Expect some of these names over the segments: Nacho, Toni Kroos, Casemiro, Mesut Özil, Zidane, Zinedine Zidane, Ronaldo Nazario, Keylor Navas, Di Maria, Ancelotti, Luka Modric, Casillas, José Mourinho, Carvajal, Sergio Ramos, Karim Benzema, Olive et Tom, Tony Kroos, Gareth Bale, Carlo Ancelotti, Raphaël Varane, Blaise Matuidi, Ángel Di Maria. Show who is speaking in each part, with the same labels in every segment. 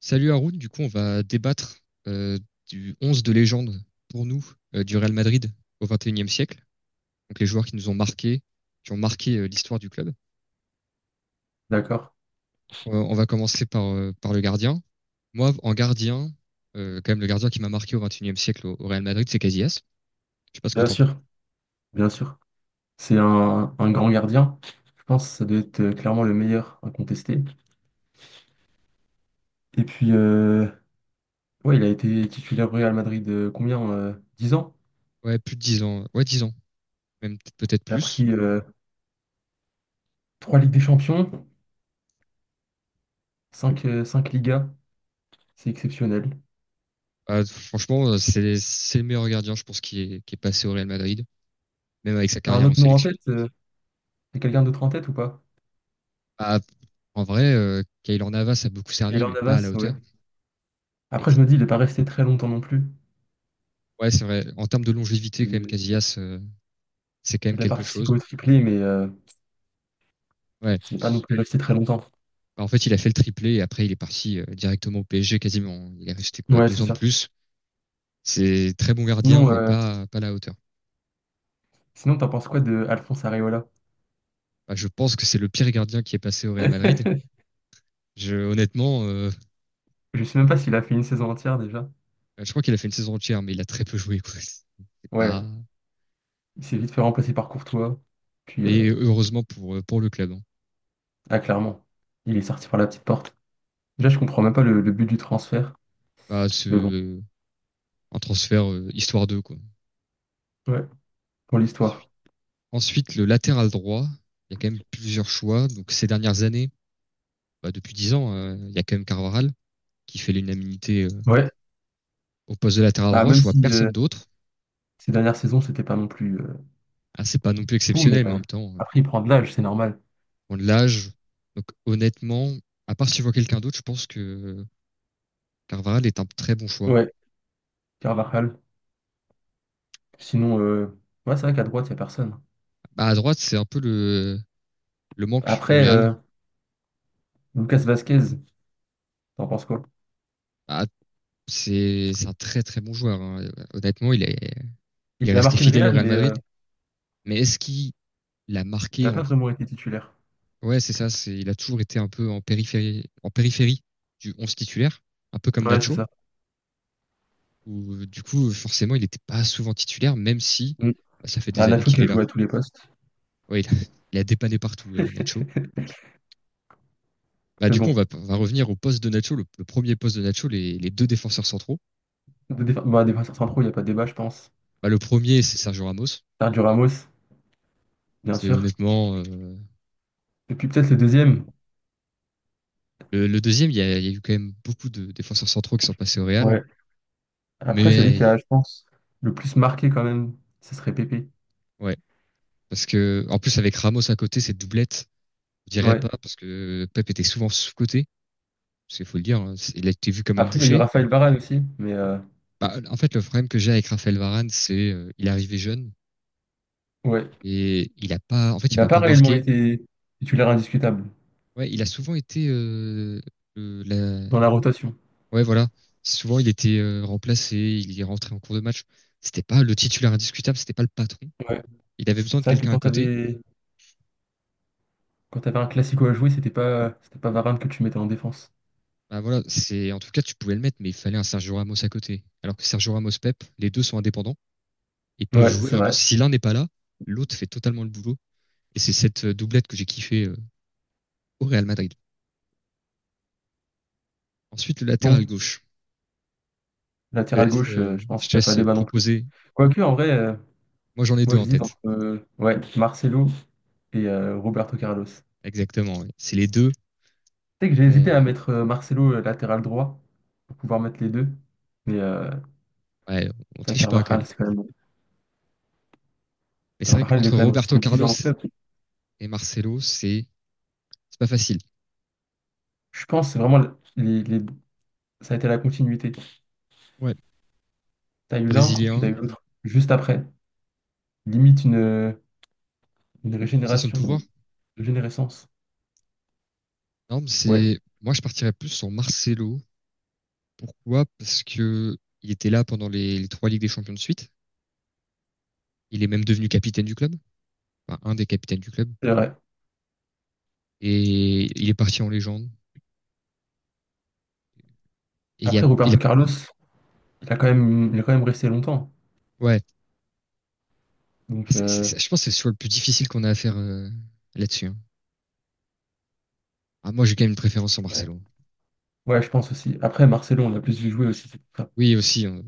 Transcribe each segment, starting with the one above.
Speaker 1: Salut Haroun, du coup on va débattre du 11 de légende pour nous du Real Madrid au 21e siècle, donc les joueurs qui nous ont marqués, qui ont marqué l'histoire du club.
Speaker 2: D'accord.
Speaker 1: Donc, on va commencer par, par le gardien. Moi en gardien, quand même le gardien qui m'a marqué au 21e siècle au Real Madrid, c'est Casillas. Je sais pas ce que
Speaker 2: Bien
Speaker 1: t'en penses.
Speaker 2: sûr, bien sûr. C'est un grand gardien. Je pense que ça doit être clairement le meilleur à contester. Et puis, ouais, il a été titulaire au Real Madrid combien? 10 ans.
Speaker 1: Ouais, plus de 10 ans. Ouais, 10 ans, même peut-être
Speaker 2: Il a
Speaker 1: plus.
Speaker 2: pris 3 Ligues des Champions, cinq Ligas. C'est exceptionnel.
Speaker 1: Franchement, c'est le meilleur gardien, je pense, qui est passé au Real Madrid, même avec sa
Speaker 2: T'as un
Speaker 1: carrière en
Speaker 2: autre nom en
Speaker 1: sélection.
Speaker 2: tête? T'as quelqu'un d'autre en tête ou pas?
Speaker 1: Bah, en vrai, Keylor Navas a beaucoup
Speaker 2: Et
Speaker 1: servi,
Speaker 2: là, on
Speaker 1: mais pas à la
Speaker 2: Navas, ouais.
Speaker 1: hauteur. Et
Speaker 2: Après, je
Speaker 1: puis,
Speaker 2: me dis, il n'est pas resté très longtemps non plus.
Speaker 1: ouais, c'est vrai. En termes de longévité, quand même,
Speaker 2: Il,
Speaker 1: Casillas, c'est quand même
Speaker 2: il a
Speaker 1: quelque
Speaker 2: participé
Speaker 1: chose.
Speaker 2: au triplé, mais
Speaker 1: Ouais.
Speaker 2: il n'est pas non plus resté très longtemps.
Speaker 1: Bah, en fait, il a fait le triplé et après, il est parti directement au PSG quasiment. Il est resté quoi,
Speaker 2: Ouais,
Speaker 1: deux
Speaker 2: c'est
Speaker 1: ans de
Speaker 2: ça.
Speaker 1: plus. C'est très bon gardien,
Speaker 2: Sinon,
Speaker 1: mais
Speaker 2: euh,
Speaker 1: pas à la hauteur.
Speaker 2: sinon, t'en penses quoi de Alphonse Areola?
Speaker 1: Bah, je pense que c'est le pire gardien qui est passé au Real Madrid. Honnêtement,
Speaker 2: Je sais même pas s'il a fait une saison entière déjà.
Speaker 1: bah, je crois qu'il a fait une saison entière, mais il a très peu joué, quoi. C'est
Speaker 2: Ouais,
Speaker 1: pas.
Speaker 2: il s'est vite fait remplacer par Courtois. Puis,
Speaker 1: Et heureusement pour le club, hein.
Speaker 2: ah, clairement, il est sorti par la petite porte. Déjà, je comprends même pas le but du transfert.
Speaker 1: Bah, c'est
Speaker 2: Mais bon,
Speaker 1: un transfert histoire d'eux, quoi.
Speaker 2: ouais, pour l'histoire.
Speaker 1: Ensuite, le latéral droit, il y a quand même plusieurs choix. Donc ces dernières années, bah, depuis 10 ans, il y a quand même Carvajal qui fait l'unanimité
Speaker 2: Ouais,
Speaker 1: au poste de latéral
Speaker 2: bah,
Speaker 1: droit. Je
Speaker 2: même
Speaker 1: vois
Speaker 2: si
Speaker 1: personne d'autre.
Speaker 2: ces dernières saisons, c'était pas non plus
Speaker 1: Ah, c'est pas non plus
Speaker 2: fou, mais
Speaker 1: exceptionnel, mais en même temps,
Speaker 2: après, il prend de l'âge, c'est normal.
Speaker 1: on l'âge. Donc honnêtement, à part si je vois quelqu'un d'autre, je pense que Carvajal est un très bon choix.
Speaker 2: Ouais, Carvajal. Sinon, ouais, c'est vrai qu'à droite, il n'y a personne.
Speaker 1: Bah, à droite, c'est un peu le manque au
Speaker 2: Après,
Speaker 1: Real.
Speaker 2: Lucas Vasquez, t'en penses quoi?
Speaker 1: Bah, c'est un très très bon joueur, hein. Honnêtement, il est
Speaker 2: Il a
Speaker 1: resté
Speaker 2: marqué le
Speaker 1: fidèle au
Speaker 2: Real,
Speaker 1: Real
Speaker 2: mais
Speaker 1: Madrid. Mais est-ce qu'il a
Speaker 2: il
Speaker 1: marqué
Speaker 2: n'a
Speaker 1: en?
Speaker 2: pas vraiment été titulaire.
Speaker 1: Ouais, c'est ça. Il a toujours été un peu en périphérie du 11 titulaire, un peu comme
Speaker 2: Ouais, c'est
Speaker 1: Nacho,
Speaker 2: ça.
Speaker 1: où du coup, forcément, il n'était pas souvent titulaire, même si
Speaker 2: Mm.
Speaker 1: bah, ça fait des
Speaker 2: Bah,
Speaker 1: années
Speaker 2: Nacho qui
Speaker 1: qu'il est
Speaker 2: a
Speaker 1: là.
Speaker 2: joué à tous les postes.
Speaker 1: Ouais, il a, il a dépanné partout, Nacho. Bah,
Speaker 2: Mais
Speaker 1: du coup, on
Speaker 2: bon,
Speaker 1: va, on va revenir au poste de Nacho, le premier poste de Nacho, les deux défenseurs centraux.
Speaker 2: bah, défenseur centraux, il n'y a pas de débat, je pense.
Speaker 1: Bah, le premier, c'est Sergio Ramos.
Speaker 2: Sergio Ramos, bien
Speaker 1: C'est
Speaker 2: sûr.
Speaker 1: honnêtement
Speaker 2: Et puis peut-être le deuxième.
Speaker 1: le deuxième. Il y a eu quand même beaucoup de défenseurs centraux qui sont passés au Real,
Speaker 2: Ouais. Après, celui qui
Speaker 1: mais
Speaker 2: a, je pense, le plus marqué quand même, ce serait Pépé.
Speaker 1: ouais, parce que en plus avec Ramos à côté, cette doublette. Je dirais
Speaker 2: Ouais.
Speaker 1: pas parce que Pep était souvent sous-coté, parce qu'il faut le dire, hein, il a été vu comme un
Speaker 2: Après, il y a eu
Speaker 1: boucher.
Speaker 2: Raphaël Varane aussi, mais
Speaker 1: Bah, en fait, le problème que j'ai avec Raphaël Varane, c'est il est arrivé jeune
Speaker 2: ouais.
Speaker 1: et il a pas, en fait,
Speaker 2: Il
Speaker 1: il
Speaker 2: n'a
Speaker 1: m'a
Speaker 2: pas
Speaker 1: pas
Speaker 2: réellement
Speaker 1: marqué.
Speaker 2: été titulaire indiscutable
Speaker 1: Ouais, il a souvent été, euh, la...
Speaker 2: dans la rotation.
Speaker 1: ouais, voilà, souvent il était remplacé, il est rentré en cours de match. C'était pas le titulaire indiscutable, c'était pas le patron.
Speaker 2: Ouais.
Speaker 1: Il avait besoin de
Speaker 2: C'est vrai que
Speaker 1: quelqu'un à côté.
Speaker 2: quand t'avais un classico à jouer, c'était pas Varane que tu mettais en défense.
Speaker 1: Bah voilà, c'est en tout cas tu pouvais le mettre, mais il fallait un Sergio Ramos à côté. Alors que Sergio Ramos Pep, les deux sont indépendants. Et peuvent
Speaker 2: Ouais,
Speaker 1: jouer
Speaker 2: c'est
Speaker 1: vraiment.
Speaker 2: vrai.
Speaker 1: Si l'un n'est pas là, l'autre fait totalement le boulot. Et c'est cette doublette que j'ai kiffée au Real Madrid. Ensuite, le latéral
Speaker 2: Bon,
Speaker 1: gauche. Je te
Speaker 2: latéral
Speaker 1: laisse,
Speaker 2: gauche,
Speaker 1: euh,
Speaker 2: je pense
Speaker 1: je te
Speaker 2: qu'il n'y a pas
Speaker 1: laisse
Speaker 2: débat non plus.
Speaker 1: proposer.
Speaker 2: Quoique, en vrai,
Speaker 1: Moi, j'en ai
Speaker 2: moi,
Speaker 1: deux en
Speaker 2: j'hésite entre
Speaker 1: tête.
Speaker 2: ouais, Marcelo et Roberto Carlos. Tu
Speaker 1: Exactement. Ouais. C'est les deux.
Speaker 2: sais que j'ai hésité à
Speaker 1: On,
Speaker 2: mettre Marcelo latéral droit pour pouvoir mettre les deux. Mais
Speaker 1: ouais, on
Speaker 2: ça,
Speaker 1: triche pas quand même.
Speaker 2: Carvajal, c'est quand même...
Speaker 1: Mais c'est vrai
Speaker 2: Carvajal, il est
Speaker 1: qu'entre
Speaker 2: quand même
Speaker 1: Roberto
Speaker 2: resté 10
Speaker 1: Carlos
Speaker 2: ans en club.
Speaker 1: et Marcelo, c'est pas facile.
Speaker 2: Je pense que c'est vraiment les, les- ça a été la continuité.
Speaker 1: Ouais.
Speaker 2: T'as eu l'un et puis t'as
Speaker 1: Brésilien,
Speaker 2: eu l'autre juste après. Limite une
Speaker 1: passation de pouvoir.
Speaker 2: régénération, une régénérescence.
Speaker 1: Non, mais
Speaker 2: Ouais,
Speaker 1: c'est moi, je partirais plus sur Marcelo. Pourquoi? Parce que il était là pendant les trois Ligues des Champions de suite. Il est même devenu capitaine du club. Enfin, un des capitaines du club.
Speaker 2: c'est vrai.
Speaker 1: Et il est parti en légende. Et il y a,
Speaker 2: Après,
Speaker 1: il a-
Speaker 2: Roberto Carlos, il a quand même resté longtemps.
Speaker 1: ouais,
Speaker 2: Donc,
Speaker 1: je pense que c'est sur le plus difficile qu'on a à faire là-dessus, hein. Ah, moi, j'ai quand même une préférence en
Speaker 2: ouais.
Speaker 1: Marcelo.
Speaker 2: Ouais, je pense aussi. Après, Marcelo, on l'a plus vu jouer aussi.
Speaker 1: Oui, aussi,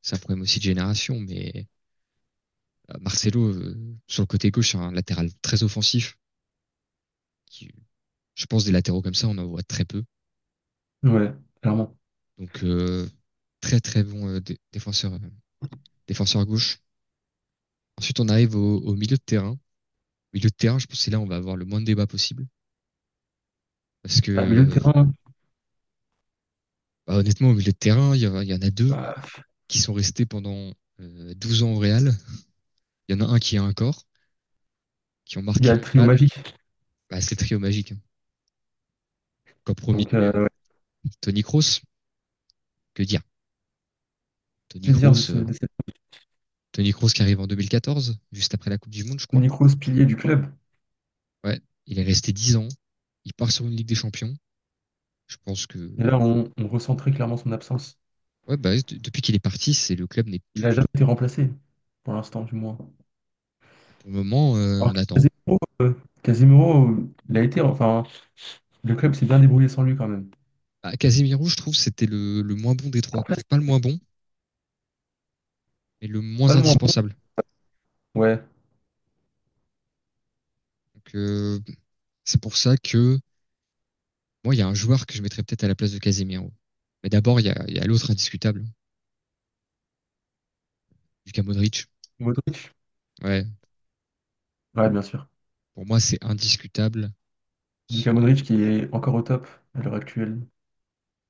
Speaker 1: c'est un problème aussi de génération, mais Marcelo, sur le côté gauche, c'est un latéral très offensif. Qui, je pense des latéraux comme ça, on en voit très peu.
Speaker 2: Ouais, clairement.
Speaker 1: Donc, très très bon défenseur, défenseur gauche. Ensuite, on arrive au milieu de terrain. Au milieu de terrain, je pense que c'est là où on va avoir le moins de débat possible. Parce
Speaker 2: Bah, milieu de
Speaker 1: que,
Speaker 2: terrain,
Speaker 1: bah, honnêtement, au milieu de terrain, il y en a deux
Speaker 2: bah,
Speaker 1: qui sont restés pendant 12 ans au Real. Il y en a un qui a un corps, qui ont
Speaker 2: il y
Speaker 1: marqué
Speaker 2: a le
Speaker 1: le
Speaker 2: trio
Speaker 1: Real.
Speaker 2: magique.
Speaker 1: Bah, c'est le trio magique, hein. Qu'en premier,
Speaker 2: Donc, ouais,
Speaker 1: Toni Kroos, que dire Toni
Speaker 2: que de,
Speaker 1: Kroos,
Speaker 2: ce, de cet
Speaker 1: Tony Kroos qui arrive en 2014, juste après la Coupe du Monde, je crois.
Speaker 2: Tony Kroos, pilier du club.
Speaker 1: Ouais, il est resté 10 ans. Il part sur une Ligue des Champions. Je pense que
Speaker 2: Et là, on ressent très clairement son absence.
Speaker 1: ouais, bah, depuis qu'il est parti, c'est le club n'est
Speaker 2: Il
Speaker 1: plus
Speaker 2: n'a
Speaker 1: du tout.
Speaker 2: jamais été remplacé, pour l'instant, du moins.
Speaker 1: Pour le moment,
Speaker 2: Alors,
Speaker 1: on
Speaker 2: que
Speaker 1: attend.
Speaker 2: Casemiro, il a été, enfin, le club s'est bien débrouillé sans lui quand même.
Speaker 1: Bah, Casemiro, je trouve, c'était le moins bon des trois.
Speaker 2: Après, c'est
Speaker 1: Pas le moins bon, mais le
Speaker 2: pas
Speaker 1: moins
Speaker 2: le moins
Speaker 1: indispensable.
Speaker 2: bon. Ouais,
Speaker 1: Donc, c'est pour ça que moi, il y a un joueur que je mettrais peut-être à la place de Casemiro. Mais d'abord, il y a l'autre indiscutable, Lucas Modric.
Speaker 2: Modric.
Speaker 1: Ouais,
Speaker 2: Ouais, bien sûr.
Speaker 1: pour moi, c'est indiscutable.
Speaker 2: Lucas Modric
Speaker 1: Ouais,
Speaker 2: qui est encore au top à l'heure actuelle.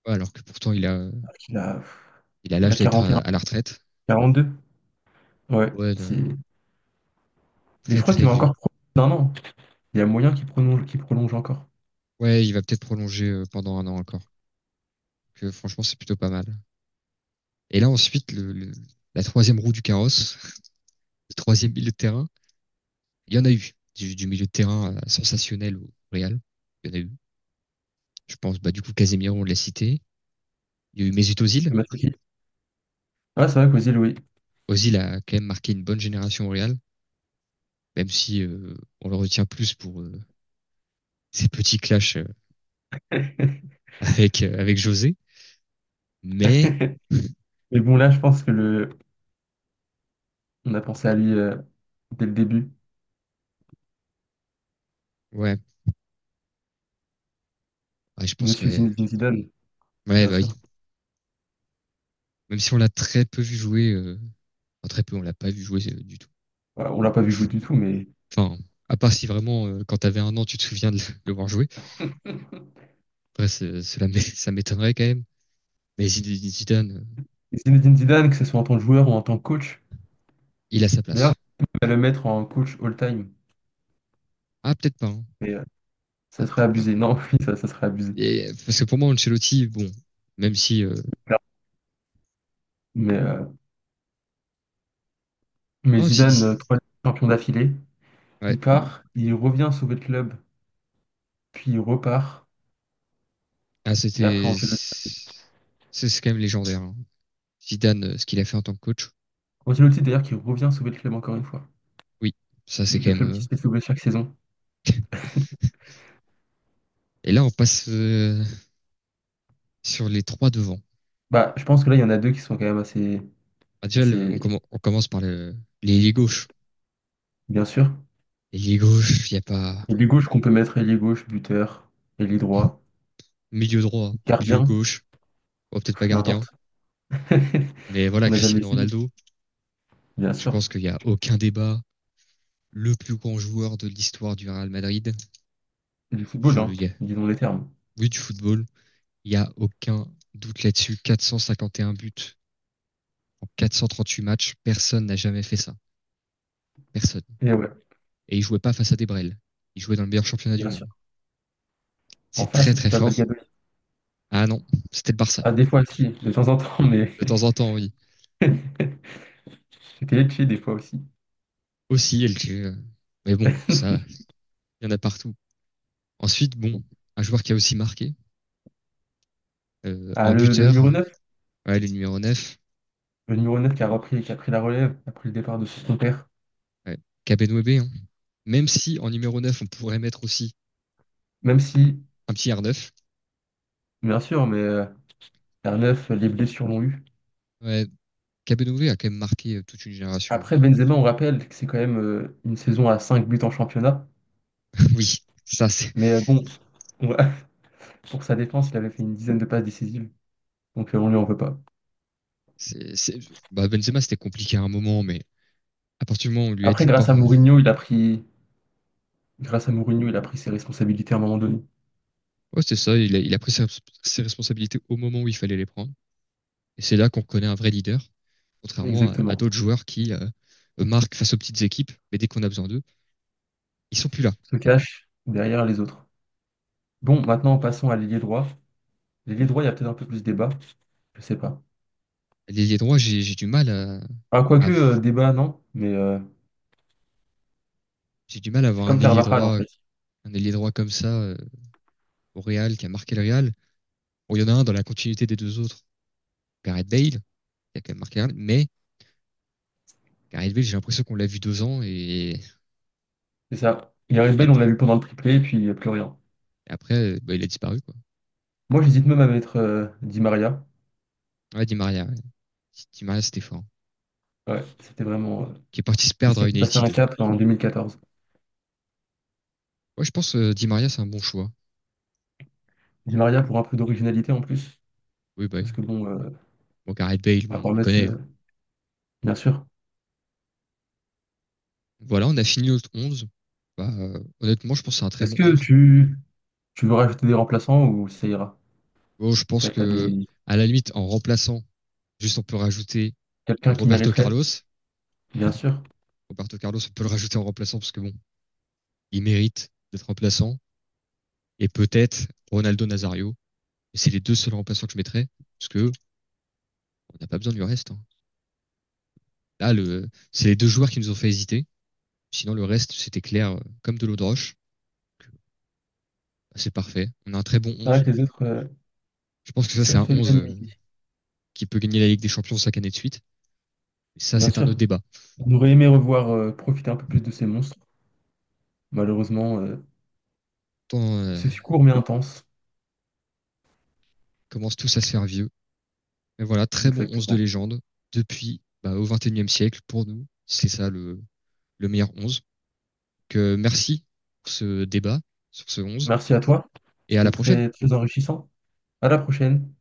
Speaker 1: alors que pourtant, il a,
Speaker 2: Il a,
Speaker 1: il a
Speaker 2: il a
Speaker 1: l'âge d'être
Speaker 2: quarante
Speaker 1: à la retraite.
Speaker 2: deux Ouais,
Speaker 1: Ouais,
Speaker 2: c'est... Et je
Speaker 1: très
Speaker 2: crois
Speaker 1: très
Speaker 2: qu'il va
Speaker 1: vieux.
Speaker 2: encore prendre un an. Il y a moyen qu'il prolonge encore.
Speaker 1: Ouais, il va peut-être prolonger pendant un an encore. Que franchement, c'est plutôt pas mal. Et là, ensuite, la troisième roue du carrosse, le troisième milieu de terrain, il y en a eu. Du milieu de terrain sensationnel au Real. Il y en a eu. Je pense, bah, du coup, Casemiro, on l'a cité. Il y a eu Mesut Özil.
Speaker 2: Le Matuidi. Ah, c'est vrai qu'Ozil, oui.
Speaker 1: Ozil a quand même marqué une bonne génération au Real, même si on le retient plus pour ses petits clashs avec José. Mais
Speaker 2: Mais bon, là, je pense que on a pensé à lui dès le début.
Speaker 1: ouais, ouais, je pense que
Speaker 2: Monsieur
Speaker 1: ouais,
Speaker 2: Zinedine Zidane,
Speaker 1: ouais,
Speaker 2: bien
Speaker 1: bah
Speaker 2: sûr.
Speaker 1: oui. Même si on l'a très peu vu jouer, enfin, très peu, on l'a pas vu jouer du tout.
Speaker 2: Voilà, on l'a pas vu jouer du tout, mais
Speaker 1: Enfin, à part si vraiment quand t'avais 1 an, tu te souviens de le voir jouer. Après, ça m'étonnerait quand même. Mais Zidane,
Speaker 2: Zinedine Zidane, que ce soit en tant que joueur ou en tant que coach.
Speaker 1: il a sa
Speaker 2: D'ailleurs,
Speaker 1: place.
Speaker 2: je vais le mettre en coach all-time,
Speaker 1: Ah peut-être pas, hein.
Speaker 2: mais ça
Speaker 1: Ah
Speaker 2: serait
Speaker 1: peut-être pas,
Speaker 2: abusé.
Speaker 1: hein.
Speaker 2: Non, oui, ça serait abusé.
Speaker 1: Et parce que pour moi, Ancelotti, bon, même si
Speaker 2: Mais, euh, mais,
Speaker 1: Oh,
Speaker 2: Zidane, trois champions d'affilée, il
Speaker 1: Ouais.
Speaker 2: Part, il revient sauver le club, puis il repart.
Speaker 1: Ah,
Speaker 2: Et après, Ancelotti,
Speaker 1: c'est quand même légendaire, hein. Zidane, ce qu'il a fait en tant que coach.
Speaker 2: Ancelotti, d'ailleurs, qui revient sauver le club encore une fois.
Speaker 1: Oui, ça
Speaker 2: Le,
Speaker 1: c'est
Speaker 2: le
Speaker 1: quand même.
Speaker 2: club qui se fait sauver chaque saison.
Speaker 1: Et là, on passe sur les trois devant.
Speaker 2: Bah, je pense que là, il y en a deux qui sont quand même assez,
Speaker 1: Ah, déjà,
Speaker 2: assez
Speaker 1: on commence par l'ailier gauche.
Speaker 2: bien sûr.
Speaker 1: L'ailier gauche, il n'y a pas.
Speaker 2: Ailier gauche qu'on peut mettre ailier gauche, buteur, ailier droit,
Speaker 1: Milieu droit, milieu
Speaker 2: gardien,
Speaker 1: gauche. Bon, peut-être pas
Speaker 2: pff,
Speaker 1: gardien,
Speaker 2: n'importe.
Speaker 1: mais voilà,
Speaker 2: On n'a jamais
Speaker 1: Cristiano
Speaker 2: essayé,
Speaker 1: Ronaldo.
Speaker 2: bien
Speaker 1: Je
Speaker 2: sûr.
Speaker 1: pense qu'il n'y a aucun débat. Le plus grand joueur de l'histoire du Real Madrid.
Speaker 2: C'est du football,
Speaker 1: Je...
Speaker 2: hein,
Speaker 1: il y a-
Speaker 2: disons les termes.
Speaker 1: Oui, du football. Il n'y a aucun doute là-dessus. 451 buts en 438 matchs, personne n'a jamais fait ça. Personne.
Speaker 2: Et ouais,
Speaker 1: Et il jouait pas face à des Brels. Il jouait dans le meilleur championnat du
Speaker 2: bien sûr.
Speaker 1: monde.
Speaker 2: En
Speaker 1: C'est
Speaker 2: face,
Speaker 1: très
Speaker 2: c'était
Speaker 1: très
Speaker 2: pas
Speaker 1: fort.
Speaker 2: Valladolid.
Speaker 1: Ah non, c'était le Barça.
Speaker 2: Ah, des fois, si, de temps en temps, mais.
Speaker 1: De temps en temps, oui.
Speaker 2: J'étais Lecce des fois aussi.
Speaker 1: Aussi, LG. Mais bon, ça, il y en a partout. Ensuite, bon, un joueur qui a aussi marqué,
Speaker 2: Ah,
Speaker 1: en
Speaker 2: le
Speaker 1: buteur,
Speaker 2: numéro neuf
Speaker 1: ouais, le numéro 9,
Speaker 2: le numéro neuf qui a repris, qui a pris la relève après le départ de son père.
Speaker 1: ouais, Kabenwebe, hein. Même si en numéro 9, on pourrait mettre aussi
Speaker 2: Même si,
Speaker 1: un petit R9,
Speaker 2: bien sûr, mais vers 9, les blessures l'ont eu.
Speaker 1: ouais, Kabenwebe a quand même marqué toute une génération.
Speaker 2: Après, Benzema, on rappelle que c'est quand même une saison à 5 buts en championnat.
Speaker 1: Oui, ça,
Speaker 2: Mais bon, on va- pour sa défense, il avait fait une dizaine de passes décisives. Donc on lui en veut pas.
Speaker 1: c'est, c'est- bah, Benzema, c'était compliqué à un moment, mais à partir du moment où on lui a
Speaker 2: Après,
Speaker 1: dit de pas.
Speaker 2: grâce à Mourinho, il a pris ses responsabilités à un moment donné.
Speaker 1: Ouais, c'est ça, il a pris ses responsabilités au moment où il fallait les prendre. Et c'est là qu'on connaît un vrai leader, contrairement à
Speaker 2: Exactement.
Speaker 1: d'autres joueurs qui marquent face aux petites équipes, mais dès qu'on a besoin d'eux, ils sont plus là.
Speaker 2: Se cache derrière les autres. Bon, maintenant, passons à l'ailier droit. L'ailier droit, il y a peut-être un peu plus de débat. Je sais pas.
Speaker 1: L'ailier droit,
Speaker 2: Ah,
Speaker 1: à-
Speaker 2: quoique, débat, non. Mais
Speaker 1: j'ai du mal à
Speaker 2: c'est
Speaker 1: avoir
Speaker 2: comme Carvajal, en fait.
Speaker 1: un ailier droit comme ça au Real qui a marqué le Real. Bon, il y en a un dans la continuité des deux autres, Gareth Bale, qui a quand même marqué le Real, mais Gareth Bale, j'ai l'impression qu'on l'a vu 2 ans
Speaker 2: C'est ça. Il arrive
Speaker 1: et
Speaker 2: belle, on
Speaker 1: après,
Speaker 2: l'a vu pendant le triplé, et puis il n'y a plus rien.
Speaker 1: et après, bah, il a disparu quoi.
Speaker 2: Moi, j'hésite même à mettre Di Maria.
Speaker 1: Ouais. Di Maria c'était fort.
Speaker 2: Ouais, c'était vraiment,
Speaker 1: Qui est parti se
Speaker 2: c'est ce
Speaker 1: perdre
Speaker 2: qui a
Speaker 1: à
Speaker 2: fait passer un
Speaker 1: United.
Speaker 2: cap en 2014.
Speaker 1: Moi, je pense Di Maria, c'est un bon choix.
Speaker 2: Di Maria pour un peu d'originalité en plus.
Speaker 1: Oui, bah,
Speaker 2: Parce
Speaker 1: oui.
Speaker 2: que bon,
Speaker 1: Bon, Gareth Bale,
Speaker 2: à
Speaker 1: bon, on
Speaker 2: part
Speaker 1: le
Speaker 2: Metz,
Speaker 1: connaît.
Speaker 2: bien sûr.
Speaker 1: Voilà, on a fini notre 11. Bah, honnêtement, je pense que c'est un très
Speaker 2: Est-ce
Speaker 1: bon
Speaker 2: que
Speaker 1: 11.
Speaker 2: tu veux rajouter des remplaçants ou ça ira?
Speaker 1: Bon, je pense
Speaker 2: Peut-être t'as
Speaker 1: que, à la limite, en remplaçant, juste on peut rajouter
Speaker 2: quelqu'un qui
Speaker 1: Roberto
Speaker 2: mériterait,
Speaker 1: Carlos.
Speaker 2: bien sûr.
Speaker 1: Roberto Carlos, on peut le rajouter en remplaçant parce que bon, il mérite d'être remplaçant. Et peut-être Ronaldo Nazario. Et c'est les deux seuls remplaçants que je mettrais parce que on n'a pas besoin du reste, hein. Là, c'est les deux joueurs qui nous ont fait hésiter. Sinon, le reste, c'était clair comme de l'eau de roche. C'est parfait. On a un très bon
Speaker 2: C'est vrai
Speaker 1: 11.
Speaker 2: que les autres,
Speaker 1: Je pense que ça, c'est
Speaker 2: ça
Speaker 1: un
Speaker 2: fait
Speaker 1: 11
Speaker 2: l'unanimité.
Speaker 1: qui peut gagner la Ligue des Champions 5 années de suite. Et ça,
Speaker 2: Bien
Speaker 1: c'est un
Speaker 2: sûr.
Speaker 1: autre débat.
Speaker 2: On aurait aimé revoir profiter un peu plus de ces monstres. Malheureusement,
Speaker 1: Tant
Speaker 2: ce court mais intense.
Speaker 1: commencent tous à se faire vieux. Mais voilà, très bon 11 de
Speaker 2: Exactement.
Speaker 1: légende depuis bah, au 21e siècle pour nous. C'est ça le meilleur 11. Que merci pour ce débat sur ce 11
Speaker 2: Merci à toi.
Speaker 1: et à la
Speaker 2: C'était
Speaker 1: prochaine.
Speaker 2: très, très enrichissant. À la prochaine.